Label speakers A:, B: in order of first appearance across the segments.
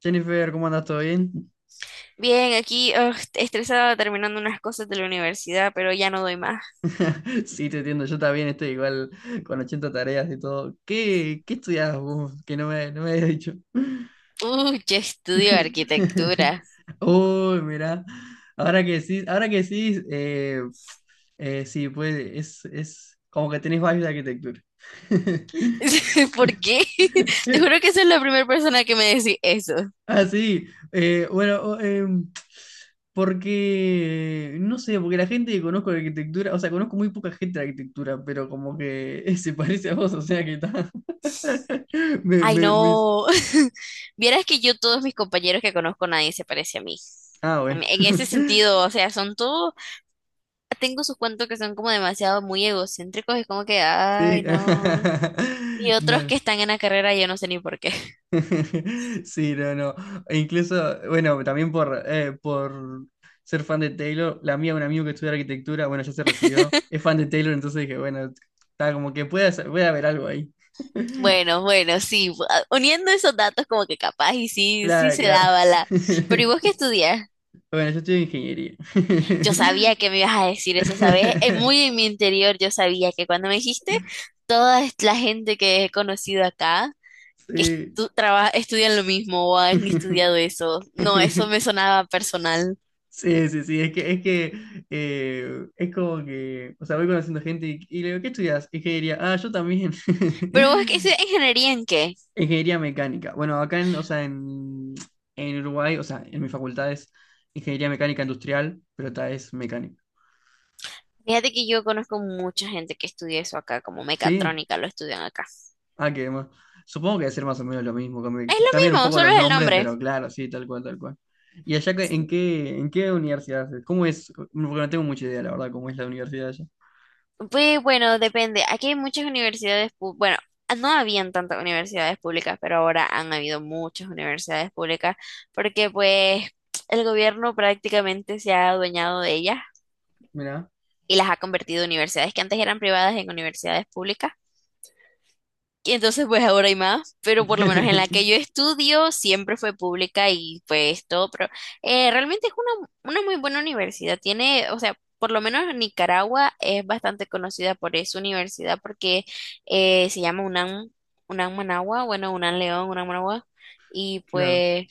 A: Jennifer, ¿cómo andas? ¿Todo bien?
B: Bien, aquí estresada terminando unas cosas de la universidad, pero ya no doy más.
A: Sí, te entiendo, yo también estoy igual con 80 tareas y todo. ¿Qué estudias vos? Que no me habías dicho.
B: Uy, yo estudio arquitectura.
A: Uy, mirá, ahora que sí, sí, pues es como que tenés varios de arquitectura.
B: ¿Por qué? Te juro que soy la primera persona que me decís eso.
A: Ah, sí. Eh, bueno, o- em, Porque, no sé, porque la gente que conozco de arquitectura, o sea, conozco muy poca gente de arquitectura, pero como que se parece a vos, o sea que está. Me,
B: Ay,
A: me, me-
B: no. Vieras que yo, todos mis compañeros que conozco, nadie se parece a mí.
A: Ah, bueno.
B: En ese sentido, o sea, son todos, tengo sus cuentos que son como demasiado muy egocéntricos, es como que, ay,
A: Sí.
B: no. Y otros
A: No.
B: que están en la carrera, yo no sé ni por qué.
A: Sí, no, no. E incluso, bueno, también por ser fan de Taylor, la mía, un amigo que estudia arquitectura, bueno, ya se recibió, es fan de Taylor, entonces dije, bueno, está como que puede, puede haber algo ahí.
B: Bueno, bueno, sí, uniendo esos datos como que capaz y sí, sí
A: Claro,
B: se
A: claro.
B: daba la... Pero ¿y vos qué estudias?
A: Bueno, yo estudio ingeniería.
B: Yo sabía que me ibas a decir eso, ¿sabes? Muy en mi interior yo sabía que cuando me dijiste, toda la gente que he conocido acá, que
A: Sí.
B: estudian lo mismo o han estudiado eso. No, eso me sonaba personal.
A: Sí, sí, sí, es que es como que, o sea, voy conociendo gente y le digo, ¿qué estudias? Ingeniería. Ah, yo también.
B: Pero ¿vos qué estudias ingeniería en qué?
A: Ingeniería mecánica. Bueno, acá en Uruguay, o sea, en mi facultad es ingeniería mecánica industrial, pero esta es mecánica.
B: Fíjate que yo conozco mucha gente que estudia eso acá, como
A: ¿Sí?
B: mecatrónica lo estudian acá.
A: Ah, ¿qué más? Supongo que debe ser más o menos lo mismo.
B: Es lo
A: Cambian un
B: mismo,
A: poco
B: solo
A: los
B: es el
A: nombres,
B: nombre.
A: pero claro, sí, tal cual, tal cual. ¿Y allá en qué universidad es? ¿Cómo es? Porque no tengo mucha idea, la verdad, cómo es la universidad allá.
B: Pues bueno, depende. Aquí hay muchas universidades, bueno, no habían tantas universidades públicas, pero ahora han habido muchas universidades públicas porque pues el gobierno prácticamente se ha adueñado de ellas
A: Mirá.
B: y las ha convertido en universidades que antes eran privadas en universidades públicas. Y entonces, pues ahora hay más, pero por lo menos en la que yo estudio siempre fue pública y pues todo, pero realmente es una muy buena universidad. Tiene, o sea, por lo menos Nicaragua es bastante conocida por esa universidad porque se llama UNAM, UNAM Managua, bueno, UNAM León, UNAM Managua, y
A: Claro,
B: pues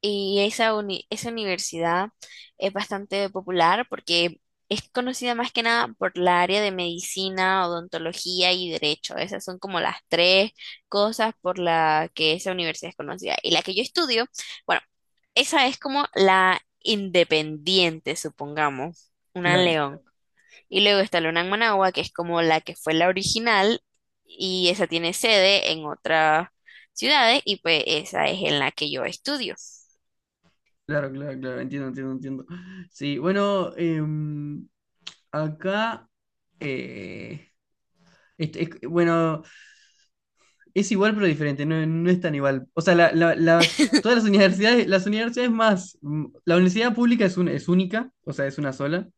B: y esa, esa universidad es bastante popular porque es conocida más que nada por la área de medicina, odontología y derecho. Esas son como las tres cosas por la que esa universidad es conocida. Y la que yo estudio, bueno, esa es como la independiente, supongamos, una en
A: claro,
B: León. Y luego está la UNAM Managua, que es como la que fue la original y esa tiene sede en otras ciudades y pues esa es en la que yo estudio.
A: claro, claro, claro. Entiendo, entiendo, entiendo. Sí, bueno, acá, eh, bueno, es igual pero diferente, no, no es tan igual. O sea, la- la- las, todas las universidades más, mm, la universidad pública es única, o sea, es una sola,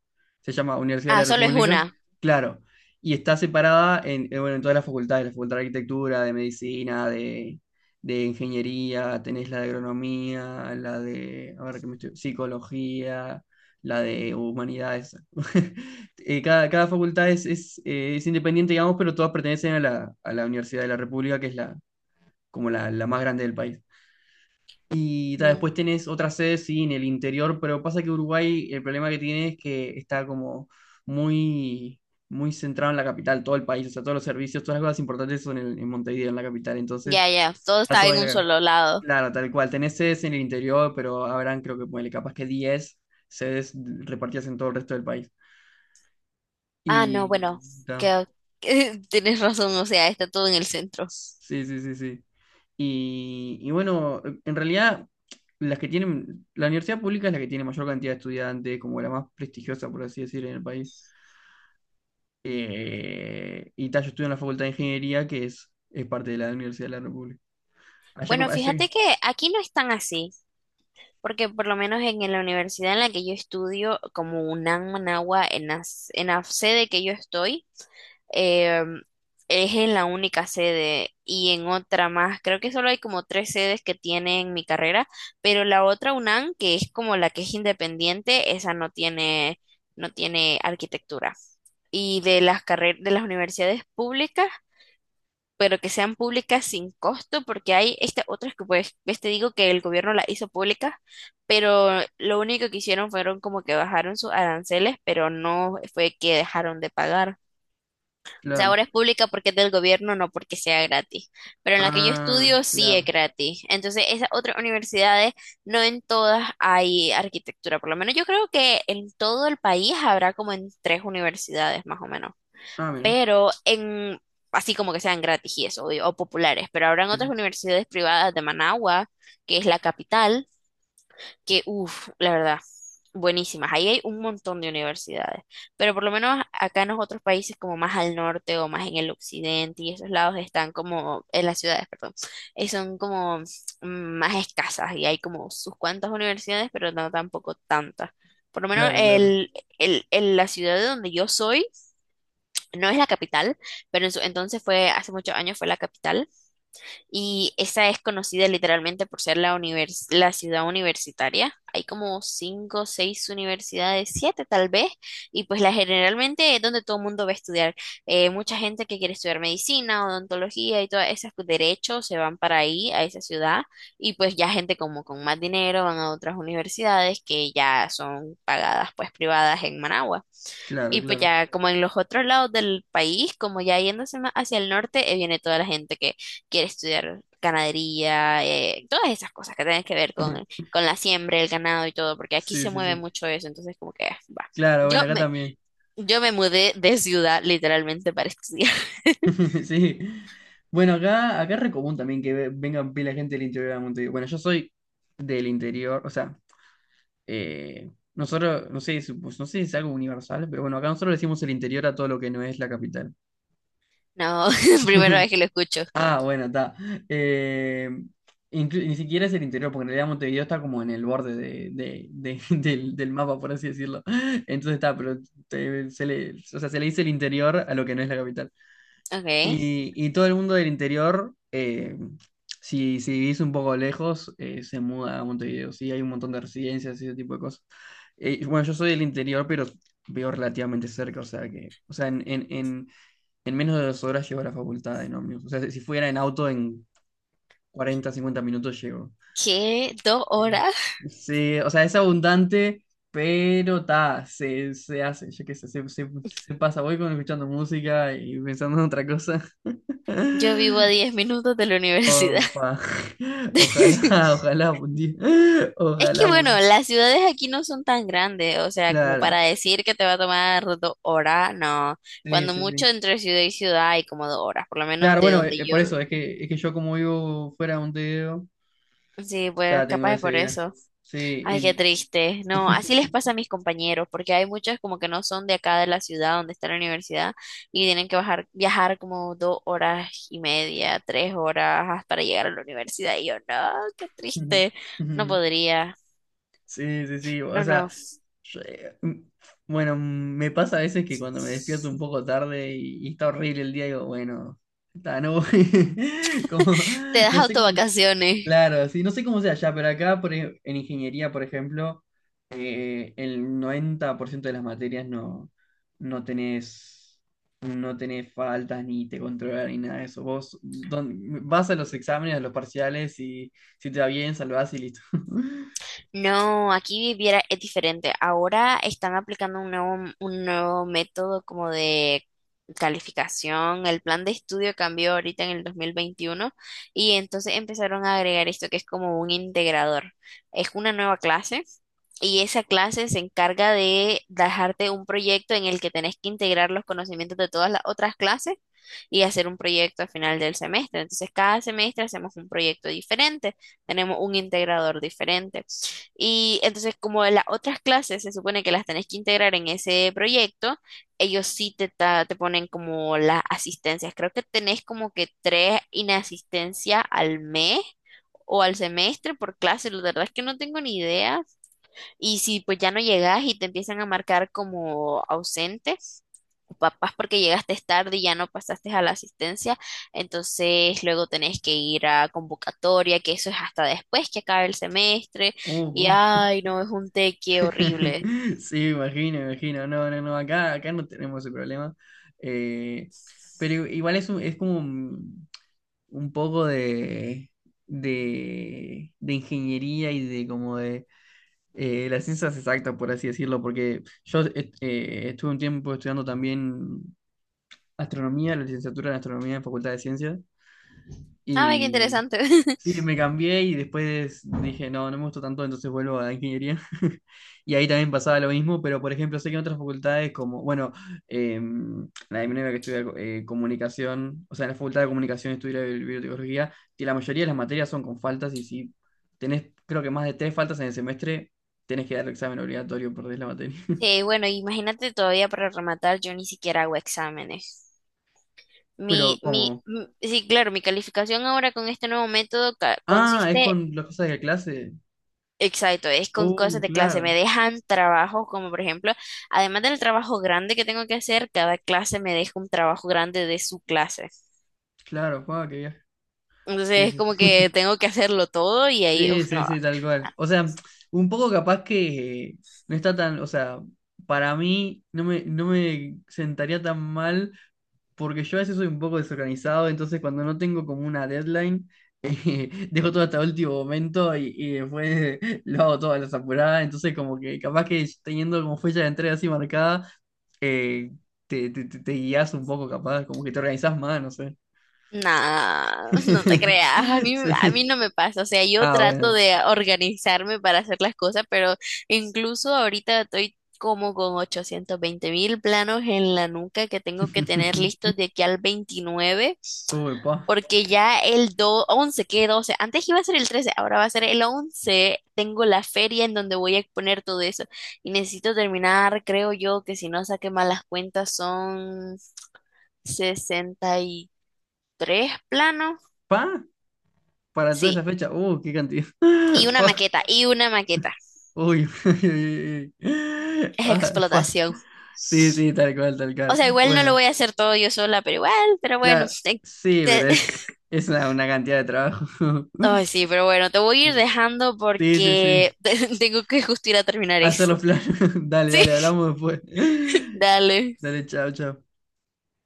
A: se llama Universidad de la
B: Ah, solo es
A: República,
B: una.
A: claro, y está separada en, bueno, en todas las facultades, la facultad de arquitectura, de medicina, de ingeniería, tenés la de agronomía, la de, a ver, ¿qué me estoy- psicología, la de humanidades. Cada facultad es independiente, digamos, pero todas pertenecen a la Universidad de la República, que es la más grande del país. Y ta,
B: Mm,
A: después tenés otras sedes, sí, en el interior, pero pasa que Uruguay, el problema que tiene es que está como muy, muy centrado en la capital, todo el país, o sea, todos los servicios, todas las cosas importantes son en Montevideo, en la capital, entonces
B: ya, ya, todo
A: está
B: está
A: todo
B: en
A: en la
B: un
A: capital.
B: solo lado.
A: Claro, tal cual, tenés sedes en el interior, pero habrán, creo que, ponele, capaz que 10 sedes repartidas en todo el resto del país.
B: Ah, no,
A: Y,
B: bueno, que, tienes razón, o sea, está todo en el centro.
A: sí, sí, sí, sí. Y bueno, en realidad, las que tienen, la universidad pública es la que tiene mayor cantidad de estudiantes, como la más prestigiosa, por así decir, en el país. Y tal, yo estudio en la Facultad de Ingeniería, que es parte de la Universidad de la República. Allá,
B: Bueno,
A: como- allá,
B: fíjate que aquí no están así, porque por lo menos en la universidad en la que yo estudio, como UNAM Managua, en la, en la sede que yo estoy, eh, es en la única sede y en otra más. Creo que solo hay como tres sedes que tienen mi carrera, pero la otra UNAM, que es como la que es independiente, esa no tiene, no tiene arquitectura. Y de las carreras de las universidades públicas, pero que sean públicas sin costo, porque hay estas otras que pues, ves, te digo que el gobierno las hizo públicas, pero lo único que hicieron fueron como que bajaron sus aranceles, pero no fue que dejaron de pagar. O sea,
A: claro.
B: ahora es pública porque es del gobierno, no porque sea gratis. Pero en la que yo
A: Ah,
B: estudio sí
A: claro.
B: es gratis. Entonces, esas otras universidades, no en todas hay arquitectura. Por lo menos yo creo que en todo el país habrá como en tres universidades más o menos.
A: Ah, mira.
B: Pero en, así como que sean gratis y eso, o populares. Pero habrán
A: Sí,
B: otras
A: sí.
B: universidades privadas de Managua, que es la capital que, uff, la verdad, buenísimas. Ahí hay un montón de universidades, pero por lo menos acá en los otros países, como más al norte o más en el occidente, y esos lados están como, en las ciudades, perdón, son como más escasas y hay como sus cuantas universidades, pero no tampoco tantas. Por lo menos
A: Claro, claro.
B: la ciudad de donde yo soy no es la capital, pero en entonces fue, hace muchos años fue la capital y esa es conocida literalmente por ser la, la ciudad universitaria. Hay como cinco o seis universidades, siete tal vez, y pues la generalmente es donde todo el mundo va a estudiar. Mucha gente que quiere estudiar medicina, odontología y todas esas pues, derechos se van para ahí, a esa ciudad, y pues ya gente como con más dinero van a otras universidades que ya son pagadas pues privadas en Managua.
A: Claro,
B: Y pues
A: claro.
B: ya como en los otros lados del país, como ya yéndose más hacia el norte, viene toda la gente que quiere estudiar ganadería, todas esas cosas que tienen que ver con la siembra, el ganado y todo, porque aquí
A: Sí,
B: se
A: sí,
B: mueve
A: sí.
B: mucho eso, entonces como que ah, va.
A: Claro, bueno,
B: Yo
A: acá
B: me,
A: también.
B: yo me mudé de ciudad literalmente para estudiar.
A: Sí. Bueno, acá, acá es re común también que vengan pila de gente del interior de Montevideo. Bueno, yo soy del interior, o sea, nosotros, no sé, pues, no sé si es algo universal, pero bueno, acá nosotros le decimos el interior a todo lo que no es la capital.
B: No, primera vez que lo escucho.
A: Ah, bueno, está. Eh, Ni siquiera es el interior, porque en realidad Montevideo está como en el borde del, del mapa, por así decirlo. Entonces está, pero se le, o sea, se le dice el interior a lo que no es la capital.
B: Ok.
A: Y todo el mundo del interior, si, si vivís un poco lejos, se muda a Montevideo. Sí, hay un montón de residencias y ese tipo de cosas. Bueno, yo soy del interior, pero vivo relativamente cerca, o sea que en menos de 2 horas llego a la facultad en ómnibus. O sea, si si fuera en auto, en 40 50 minutos llego.
B: ¿Qué? ¿Dos
A: Eh,
B: horas?
A: Sí, o sea, es abundante, pero ta, se hace, yo qué sé, se pasa. Voy con escuchando música y pensando en otra cosa.
B: Yo vivo a 10 minutos de la universidad.
A: Opa. Ojalá, ojalá un día.
B: Es que
A: Ojalá,
B: bueno,
A: bueno.
B: las ciudades aquí no son tan grandes, o sea, como
A: Claro.
B: para decir que te va a tomar 2 horas, no.
A: Sí,
B: Cuando
A: sí,
B: mucho
A: sí.
B: entre ciudad y ciudad hay como 2 horas, por lo menos
A: Claro,
B: de
A: bueno,
B: donde yo.
A: por eso es que yo como vivo fuera de Montevideo,
B: Sí, pues
A: ya tengo
B: capaz es
A: ese
B: por
A: viaje.
B: eso.
A: Sí,
B: Ay, qué
A: y-
B: triste. No, así les pasa a mis compañeros, porque hay muchos como que no son de acá de la ciudad donde está la universidad y tienen que bajar, viajar como 2 horas y media, 3 horas para llegar a la universidad. Y yo, no, qué
A: Ujú,
B: triste. No
A: ujú.
B: podría.
A: Sí, sí, sí. O
B: No,
A: sea,
B: no.
A: yo, bueno, me pasa a veces que cuando me despierto un poco tarde y está horrible el día, digo, bueno, está, no voy. Como,
B: Te das
A: no sé cómo,
B: autovacaciones.
A: claro, sí, no sé cómo sea allá, pero acá por, en ingeniería, por ejemplo, el 90% de las materias no, no tenés, no tenés faltas ni te controlan ni nada de eso. Vas a los exámenes, a los parciales y si te va bien, salvás y listo.
B: No, aquí viviera es diferente. Ahora están aplicando un nuevo método como de calificación. El plan de estudio cambió ahorita en el 2021 y entonces empezaron a agregar esto que es como un integrador. Es una nueva clase y esa clase se encarga de dejarte un proyecto en el que tenés que integrar los conocimientos de todas las otras clases y hacer un proyecto al final del semestre. Entonces, cada semestre hacemos un proyecto diferente, tenemos un integrador diferente. Y entonces, como las otras clases se supone que las tenés que integrar en ese proyecto, ellos sí te, te ponen como las asistencias. Creo que tenés como que tres inasistencias al mes o al semestre por clase. La verdad es que no tengo ni idea, y si pues ya no llegas y te empiezan a marcar como ausente, o papás porque llegaste tarde y ya no pasaste a la asistencia, entonces luego tenés que ir a convocatoria, que eso es hasta después que acabe el semestre, y
A: Vos.
B: ay, no, es un teque horrible.
A: Sí, me imagino, me imagino. No, no, no, acá, acá no tenemos ese problema. Eh, pero igual es como un poco de ingeniería y de como de la ciencia exacta, por así decirlo, porque yo estuve un tiempo estudiando también astronomía, la licenciatura en astronomía en Facultad de Ciencias,
B: Ah, ve qué
A: y
B: interesante.
A: sí, me cambié y después dije, no, no me gustó tanto, entonces vuelvo a la ingeniería. Y ahí también pasaba lo mismo, pero por ejemplo, sé que en otras facultades como, bueno, la de mi novia que estudia comunicación, o sea, en la facultad de comunicación estudia biotecnología, y la mayoría de las materias son con faltas y si tenés, creo que más de 3 faltas en el semestre, tenés que dar el examen obligatorio, perdés la materia.
B: Sí, bueno, imagínate todavía para rematar, yo ni siquiera hago exámenes.
A: Pero
B: Mi, mi,
A: como,
B: m- sí, claro, mi calificación ahora con este nuevo método
A: ah, es
B: consiste.
A: con las cosas de la clase.
B: Exacto, es con
A: Oh,
B: cosas de clase. Me
A: claro,
B: dejan trabajos como por ejemplo, además del trabajo grande que tengo que hacer, cada clase me deja un trabajo grande de su clase.
A: claro, Juan, qué viaje.
B: Entonces
A: Sí,
B: es
A: sí,
B: como
A: sí.
B: que tengo que hacerlo todo y ahí,
A: Sí,
B: uff,
A: sí,
B: no,
A: sí, tal cual. O sea, un poco capaz que no está tan, o sea, para mí no me, no me sentaría tan mal porque yo a veces soy un poco desorganizado, entonces cuando no tengo como una deadline, dejo todo hasta el último momento y después lo hago todo a las apuradas, entonces como que capaz que teniendo como fecha de entrega así marcada, eh, te guías un poco capaz, como que te organizás más, no sé.
B: nada, no te creas, a mí
A: Sí.
B: no me pasa. O sea, yo
A: Ah,
B: trato
A: bueno.
B: de organizarme para hacer las cosas, pero incluso ahorita estoy como con 820.000 planos en la nuca que tengo que tener listos de aquí al 29.
A: Uy, pa.
B: Porque ya el do 11 que 12. Antes iba a ser el 13, ahora va a ser el 11. Tengo la feria en donde voy a exponer todo eso. Y necesito terminar, creo yo, que si no saqué malas cuentas son 63 planos.
A: Pa, para toda esa
B: Sí,
A: fecha, qué cantidad.
B: y una
A: Fa,
B: maqueta, y una maqueta.
A: uy, uy, uy, uy.
B: Es
A: Ah, fa.
B: explotación.
A: Sí, sí, tal cual, tal
B: O
A: cual.
B: sea, igual no lo
A: Bueno,
B: voy a hacer todo yo sola, pero igual, pero bueno.
A: claro, sí,
B: Te-
A: pero es una cantidad de trabajo.
B: Ay, sí, pero bueno, te voy a ir dejando
A: Sí, sí, sí.
B: porque tengo que justo ir a terminar
A: Hacer
B: eso.
A: los planos. Dale,
B: Sí,
A: dale, hablamos después.
B: dale.
A: Dale, chao, chao.